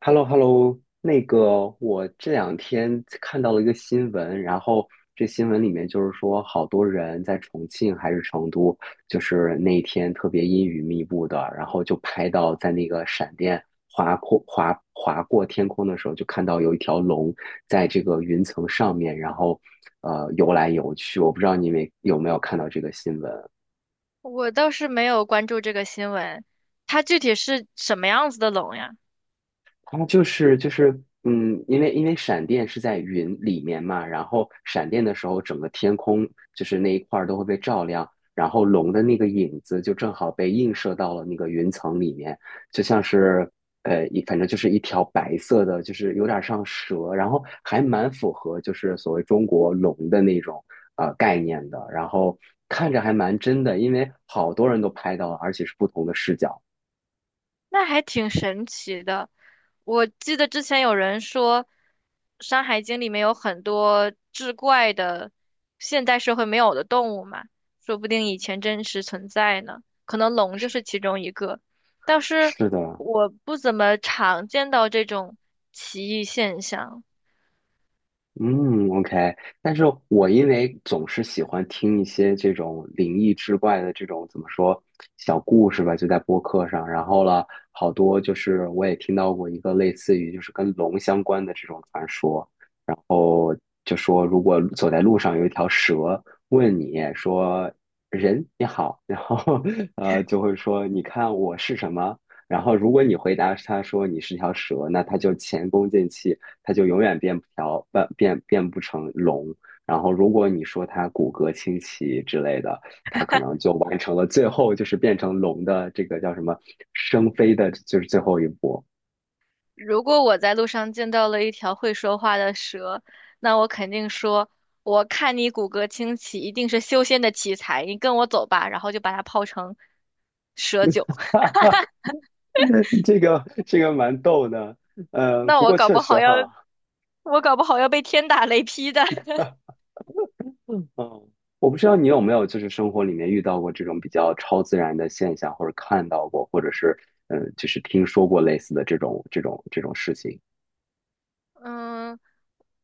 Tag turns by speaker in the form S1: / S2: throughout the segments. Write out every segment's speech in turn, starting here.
S1: Hello, hello 那个我这两天看到了一个新闻，然后这新闻里面就是说，好多人在重庆还是成都，就是那一天特别阴雨密布的，然后就拍到在那个闪电划过天空的时候，就看到有一条龙在这个云层上面，然后游来游去。我不知道你们有没有看到这个新闻啊。
S2: 我倒是没有关注这个新闻，它具体是什么样子的龙呀？
S1: 它就是，因为闪电是在云里面嘛，然后闪电的时候，整个天空就是那一块儿都会被照亮，然后龙的那个影子就正好被映射到了那个云层里面，就像是反正就是一条白色的，就是有点像蛇，然后还蛮符合就是所谓中国龙的那种概念的，然后看着还蛮真的，因为好多人都拍到了，而且是不同的视角。
S2: 那还挺神奇的。我记得之前有人说，《山海经》里面有很多志怪的现代社会没有的动物嘛，说不定以前真实存在呢。可能龙就是其中一个，但是
S1: 是的，
S2: 我不怎么常见到这种奇异现象。
S1: 嗯，OK，但是我因为总是喜欢听一些这种灵异之怪的这种怎么说小故事吧，就在播客上，然后了好多就是我也听到过一个类似于就是跟龙相关的这种传说，就说如果走在路上有一条蛇问你说人你好，然后就会说你看我是什么，然后如果你回答他说你是条蛇，那他就前功尽弃，他就永远变不条变变变不成龙。然后如果你说他骨骼清奇之类的，他可能就完成了最后就是变成龙的这个叫什么生飞的，就是最后一步。
S2: 如果我在路上见到了一条会说话的蛇，那我肯定说：“我看你骨骼清奇，一定是修仙的奇才，你跟我走吧。”然后就把它泡成蛇酒。
S1: 这个蛮逗的，
S2: 那
S1: 不
S2: 我
S1: 过
S2: 搞
S1: 确
S2: 不
S1: 实
S2: 好要，
S1: 哈。
S2: 我搞不好要被天打雷劈的。
S1: 嗯，哦，我不知道你有没有就是生活里面遇到过这种比较超自然的现象，或者看到过，或者是就是听说过类似的这种事情。
S2: 嗯，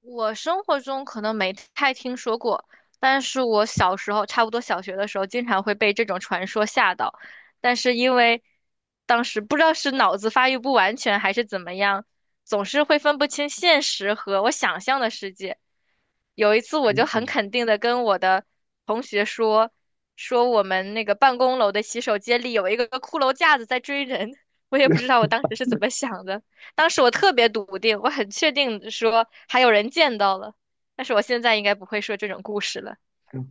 S2: 我生活中可能没太听说过，但是我小时候，差不多小学的时候，经常会被这种传说吓到。但是因为当时不知道是脑子发育不完全还是怎么样，总是会分不清现实和我想象的世界。有一次，我就
S1: 嗯
S2: 很
S1: 嗯，
S2: 肯定的跟我的同学说，说我们那个办公楼的洗手间里有一个骷髅架子在追人。我也不知道我 当时是怎么想的。当时我特别笃定，我很确定地说还有人见到了，但是我现在应该不会说这种故事了。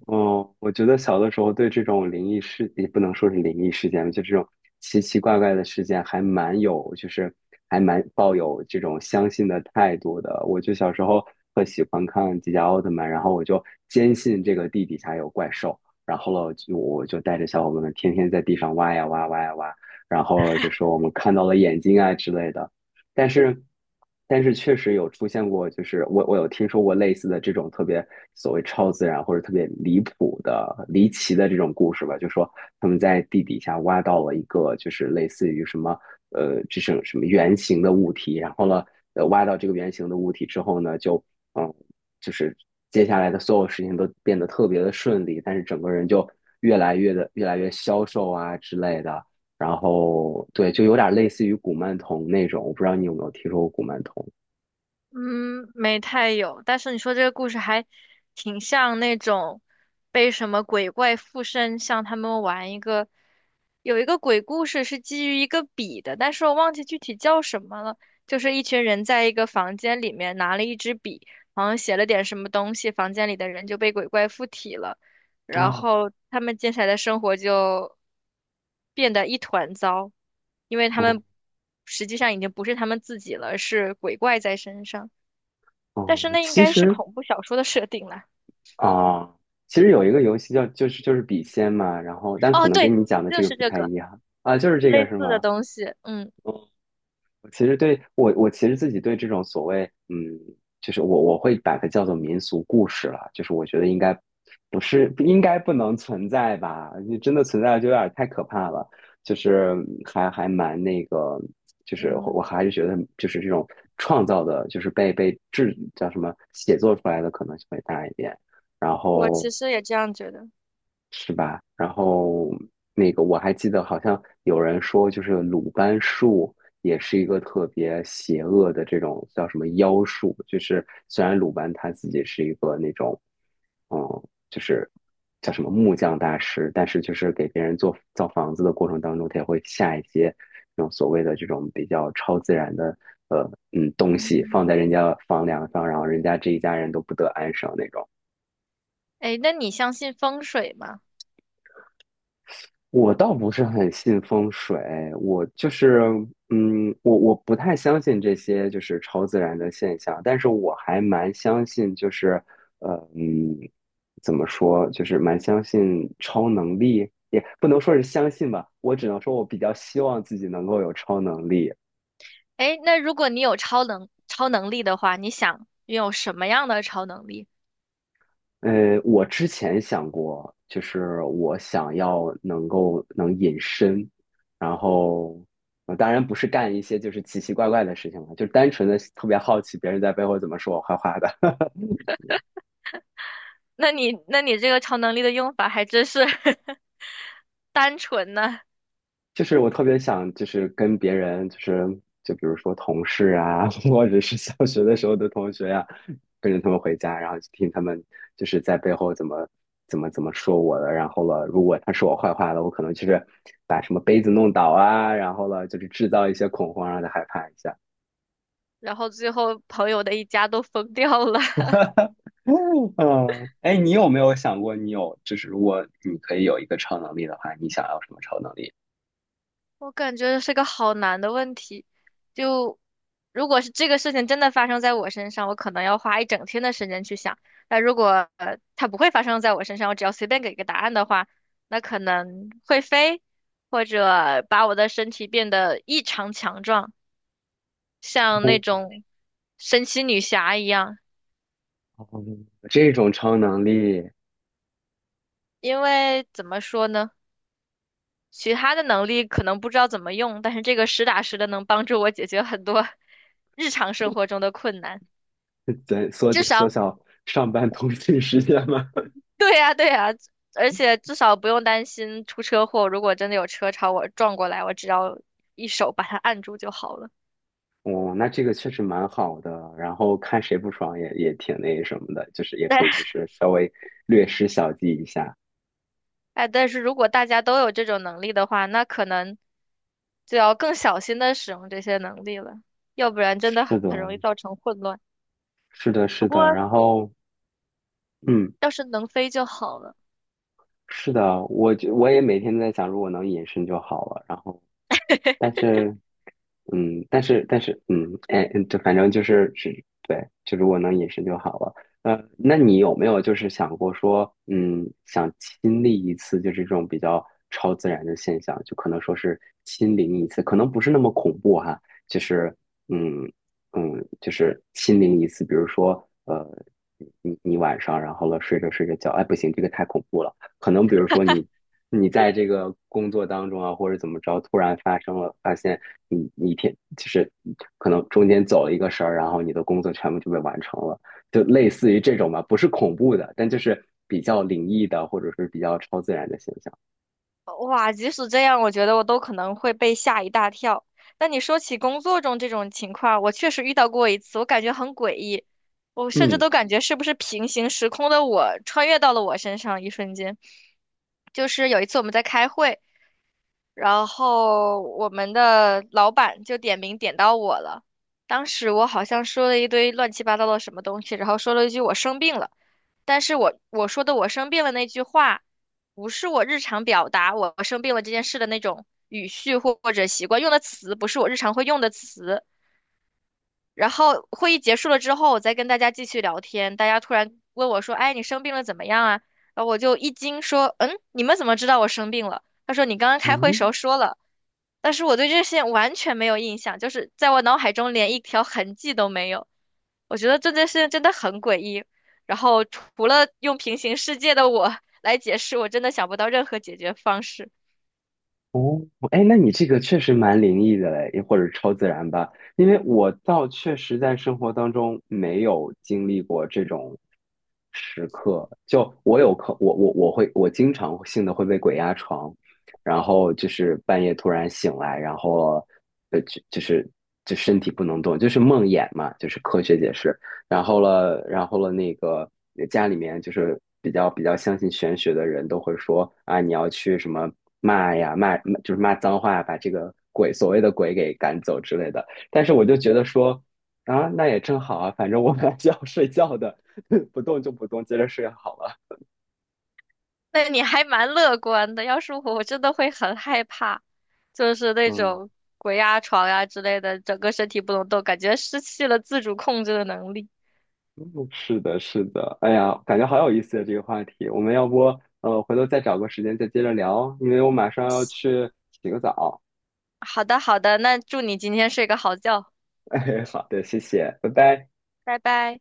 S1: 嗯，我觉得小的时候对这种灵异事，也不能说是灵异事件吧，就这种奇奇怪怪的事件，还蛮有，就是还蛮抱有这种相信的态度的。我就小时候特喜欢看迪迦奥特曼，然后我就坚信这个地底下有怪兽，然后了，就我就带着小伙伴们天天在地上挖呀挖挖呀挖，然后就说我们看到了眼睛啊之类的。但是，但是确实有出现过，就是我有听说过类似的这种特别所谓超自然或者特别离谱的、离奇的这种故事吧，就说他们在地底下挖到了一个就是类似于什么这种什么圆形的物体，然后呢，挖到这个圆形的物体之后呢，就嗯就是接下来的所有事情都变得特别的顺利，但是整个人就越来越消瘦啊之类的。然后对，就有点类似于古曼童那种，我不知道你有没有听说过古曼童。
S2: 嗯，没太有，但是你说这个故事还挺像那种被什么鬼怪附身，像他们玩一个，有一个鬼故事是基于一个笔的，但是我忘记具体叫什么了。就是一群人在一个房间里面拿了一支笔，好像写了点什么东西，房间里的人就被鬼怪附体了。然
S1: 哦，
S2: 后他们接下来的生活就变得一团糟，因为他
S1: 哦，
S2: 们实际上已经不是他们自己了，是鬼怪在身上。但
S1: 哦，
S2: 是那应该是恐怖小说的设定啦。
S1: 啊，其实有一个游戏叫就是笔仙嘛，然后但
S2: 哦，
S1: 可能
S2: 对，
S1: 跟你讲的
S2: 就
S1: 这个
S2: 是
S1: 不
S2: 这
S1: 太
S2: 个
S1: 一样啊，就是这个
S2: 类
S1: 是
S2: 似的
S1: 吗？
S2: 东西。嗯
S1: 嗯其实对我，我其实自己对这种所谓，嗯，就是我会把它叫做民俗故事了，就是我觉得应该不能存在吧，你真的存在了就有点太可怕了，就是还蛮那个，就是我
S2: 嗯，
S1: 还是觉得就是这种创造的，就是被制叫什么写作出来的可能性会大一点，然
S2: 我
S1: 后。
S2: 其实也这样觉得。
S1: 是吧？然后那个我还记得，好像有人说，就是鲁班术也是一个特别邪恶的这种叫什么妖术，就是虽然鲁班他自己是一个那种，嗯，就是叫什么木匠大师，但是就是给别人造房子的过程当中，他也会下一些那种所谓的这种比较超自然的东西
S2: 嗯，
S1: 放在人家房梁上，然后人家这一家人都不得安生那种。
S2: 哎，那你相信风水吗？
S1: 我倒不是很信风水，我就是，我不太相信这些就是超自然的现象，但是我还蛮相信，就是，呃，嗯，怎么说，就是蛮相信超能力，也不能说是相信吧，我只能说我比较希望自己能够有超能力。
S2: 哎，那如果你有超能力的话，你想拥有什么样的超能力？
S1: 我之前想过，就是我想要能够能隐身，然后，当然不是干一些就是奇奇怪怪的事情了，就单纯的特别好奇别人在背后怎么说我坏话的。
S2: 那你这个超能力的用法还真是 单纯呢。
S1: 就是我特别想，就是跟别人，就比如说同事啊，或者是小学的时候的同学呀、跟着他们回家，然后就听他们就是在背后怎么说我的，然后了，如果他说我坏话了，我可能就是把什么杯子弄倒啊，然后了，就是制造一些恐慌，让他害怕一下。
S2: 然后最后朋友的一家都疯掉了，
S1: 嗯，哎，你有没有想过，你有就是如果你可以有一个超能力的话，你想要什么超能力？
S2: 我感觉这是个好难的问题。就如果是这个事情真的发生在我身上，我可能要花一整天的时间去想。那如果它不会发生在我身上，我只要随便给个答案的话，那可能会飞，或者把我的身体变得异常强壮，像那种神奇女侠一样。
S1: 哦，这种超能力。
S2: 因为怎么说呢，其他的能力可能不知道怎么用，但是这个实打实的能帮助我解决很多 日常生活中的困难。
S1: 对，缩
S2: 至
S1: 缩
S2: 少，
S1: 小上班通勤时间嘛。
S2: 对呀，对呀，而且至少不用担心出车祸。如果真的有车朝我撞过来，我只要一手把它按住就好了。
S1: 哦，那这个确实蛮好的。然后看谁不爽也挺那什么的，就是也可
S2: 但
S1: 以就是稍微略施小计一下。
S2: 哎，但是如果大家都有这种能力的话，那可能就要更小心的使用这些能力了，要不然真的
S1: 是的，
S2: 很容易造成混乱。
S1: 是的，
S2: 不
S1: 是
S2: 过
S1: 的。然后，嗯，
S2: 要是能飞就好了。
S1: 是的，我也每天在想，如果能隐身就好了。然后，但 是但是这反正就是，对，就如果能隐身就好了。那你有没有就是想过说，想亲历一次就是这种比较超自然的现象，就可能说是亲临一次，可能不是那么恐怖哈，就是嗯就是亲临一次，比如说呃，你晚上然后了睡着睡着觉，哎不行，这个太恐怖了，可能比如说你。你在这个工作当中啊，或者怎么着，突然发生了，发现你一天就是可能中间走了一个神儿，然后你的工作全部就被完成了，就类似于这种吧，不是恐怖的，但就是比较灵异的或者是比较超自然的现象。
S2: 哇，即使这样，我觉得我都可能会被吓一大跳。但你说起工作中这种情况，我确实遇到过一次，我感觉很诡异，我甚至
S1: 嗯，
S2: 都感觉是不是平行时空的我穿越到了我身上，一瞬间。就是有一次我们在开会，然后我们的老板就点名点到我了。当时我好像说了一堆乱七八糟的什么东西，然后说了一句我生病了，但是我说的我生病了那句话，不是我日常表达我生病了这件事的那种语序或者习惯，用的词不是我日常会用的词。然后会议结束了之后，我再跟大家继续聊天，大家突然问我说：“哎，你生病了怎么样啊？”然后我就一惊说：“嗯，你们怎么知道我生病了？”他说：“你刚刚
S1: 哦，
S2: 开会时候说了。”但是我对这些完全没有印象，就是在我脑海中连一条痕迹都没有。我觉得这件事情真的很诡异。然后除了用平行世界的我 来解释，我真的想不到任何解决方式。
S1: 哦，哎，那你这个确实蛮灵异的嘞，或者超自然吧？因为我倒确实在生活当中没有经历过这种时刻。就我有可，我我我会，我经常性的会被鬼压床，然后就是半夜突然醒来，然后呃，就就是就身体不能动，就是梦魇嘛，就是科学解释。然后了，那个家里面就是比较相信玄学的人都会说啊，你要去什么骂就是骂脏话，把这个鬼所谓的鬼给赶走之类的。但是我就觉得说啊，那也正好啊，反正我本来就要睡觉的，不动就不动，接着睡好了。
S2: 那你还蛮乐观的，要是我，我真的会很害怕，就是那
S1: 嗯，
S2: 种鬼压床呀之类的，整个身体不能动，感觉失去了自主控制的能力。
S1: 嗯是的，是的。哎呀，感觉好有意思的这个话题，我们要不回头再找个时间再接着聊，因为我马上要去洗个澡。
S2: 好的，好的，那祝你今天睡个好觉，
S1: 哎，好的，谢谢，拜拜。
S2: 拜拜。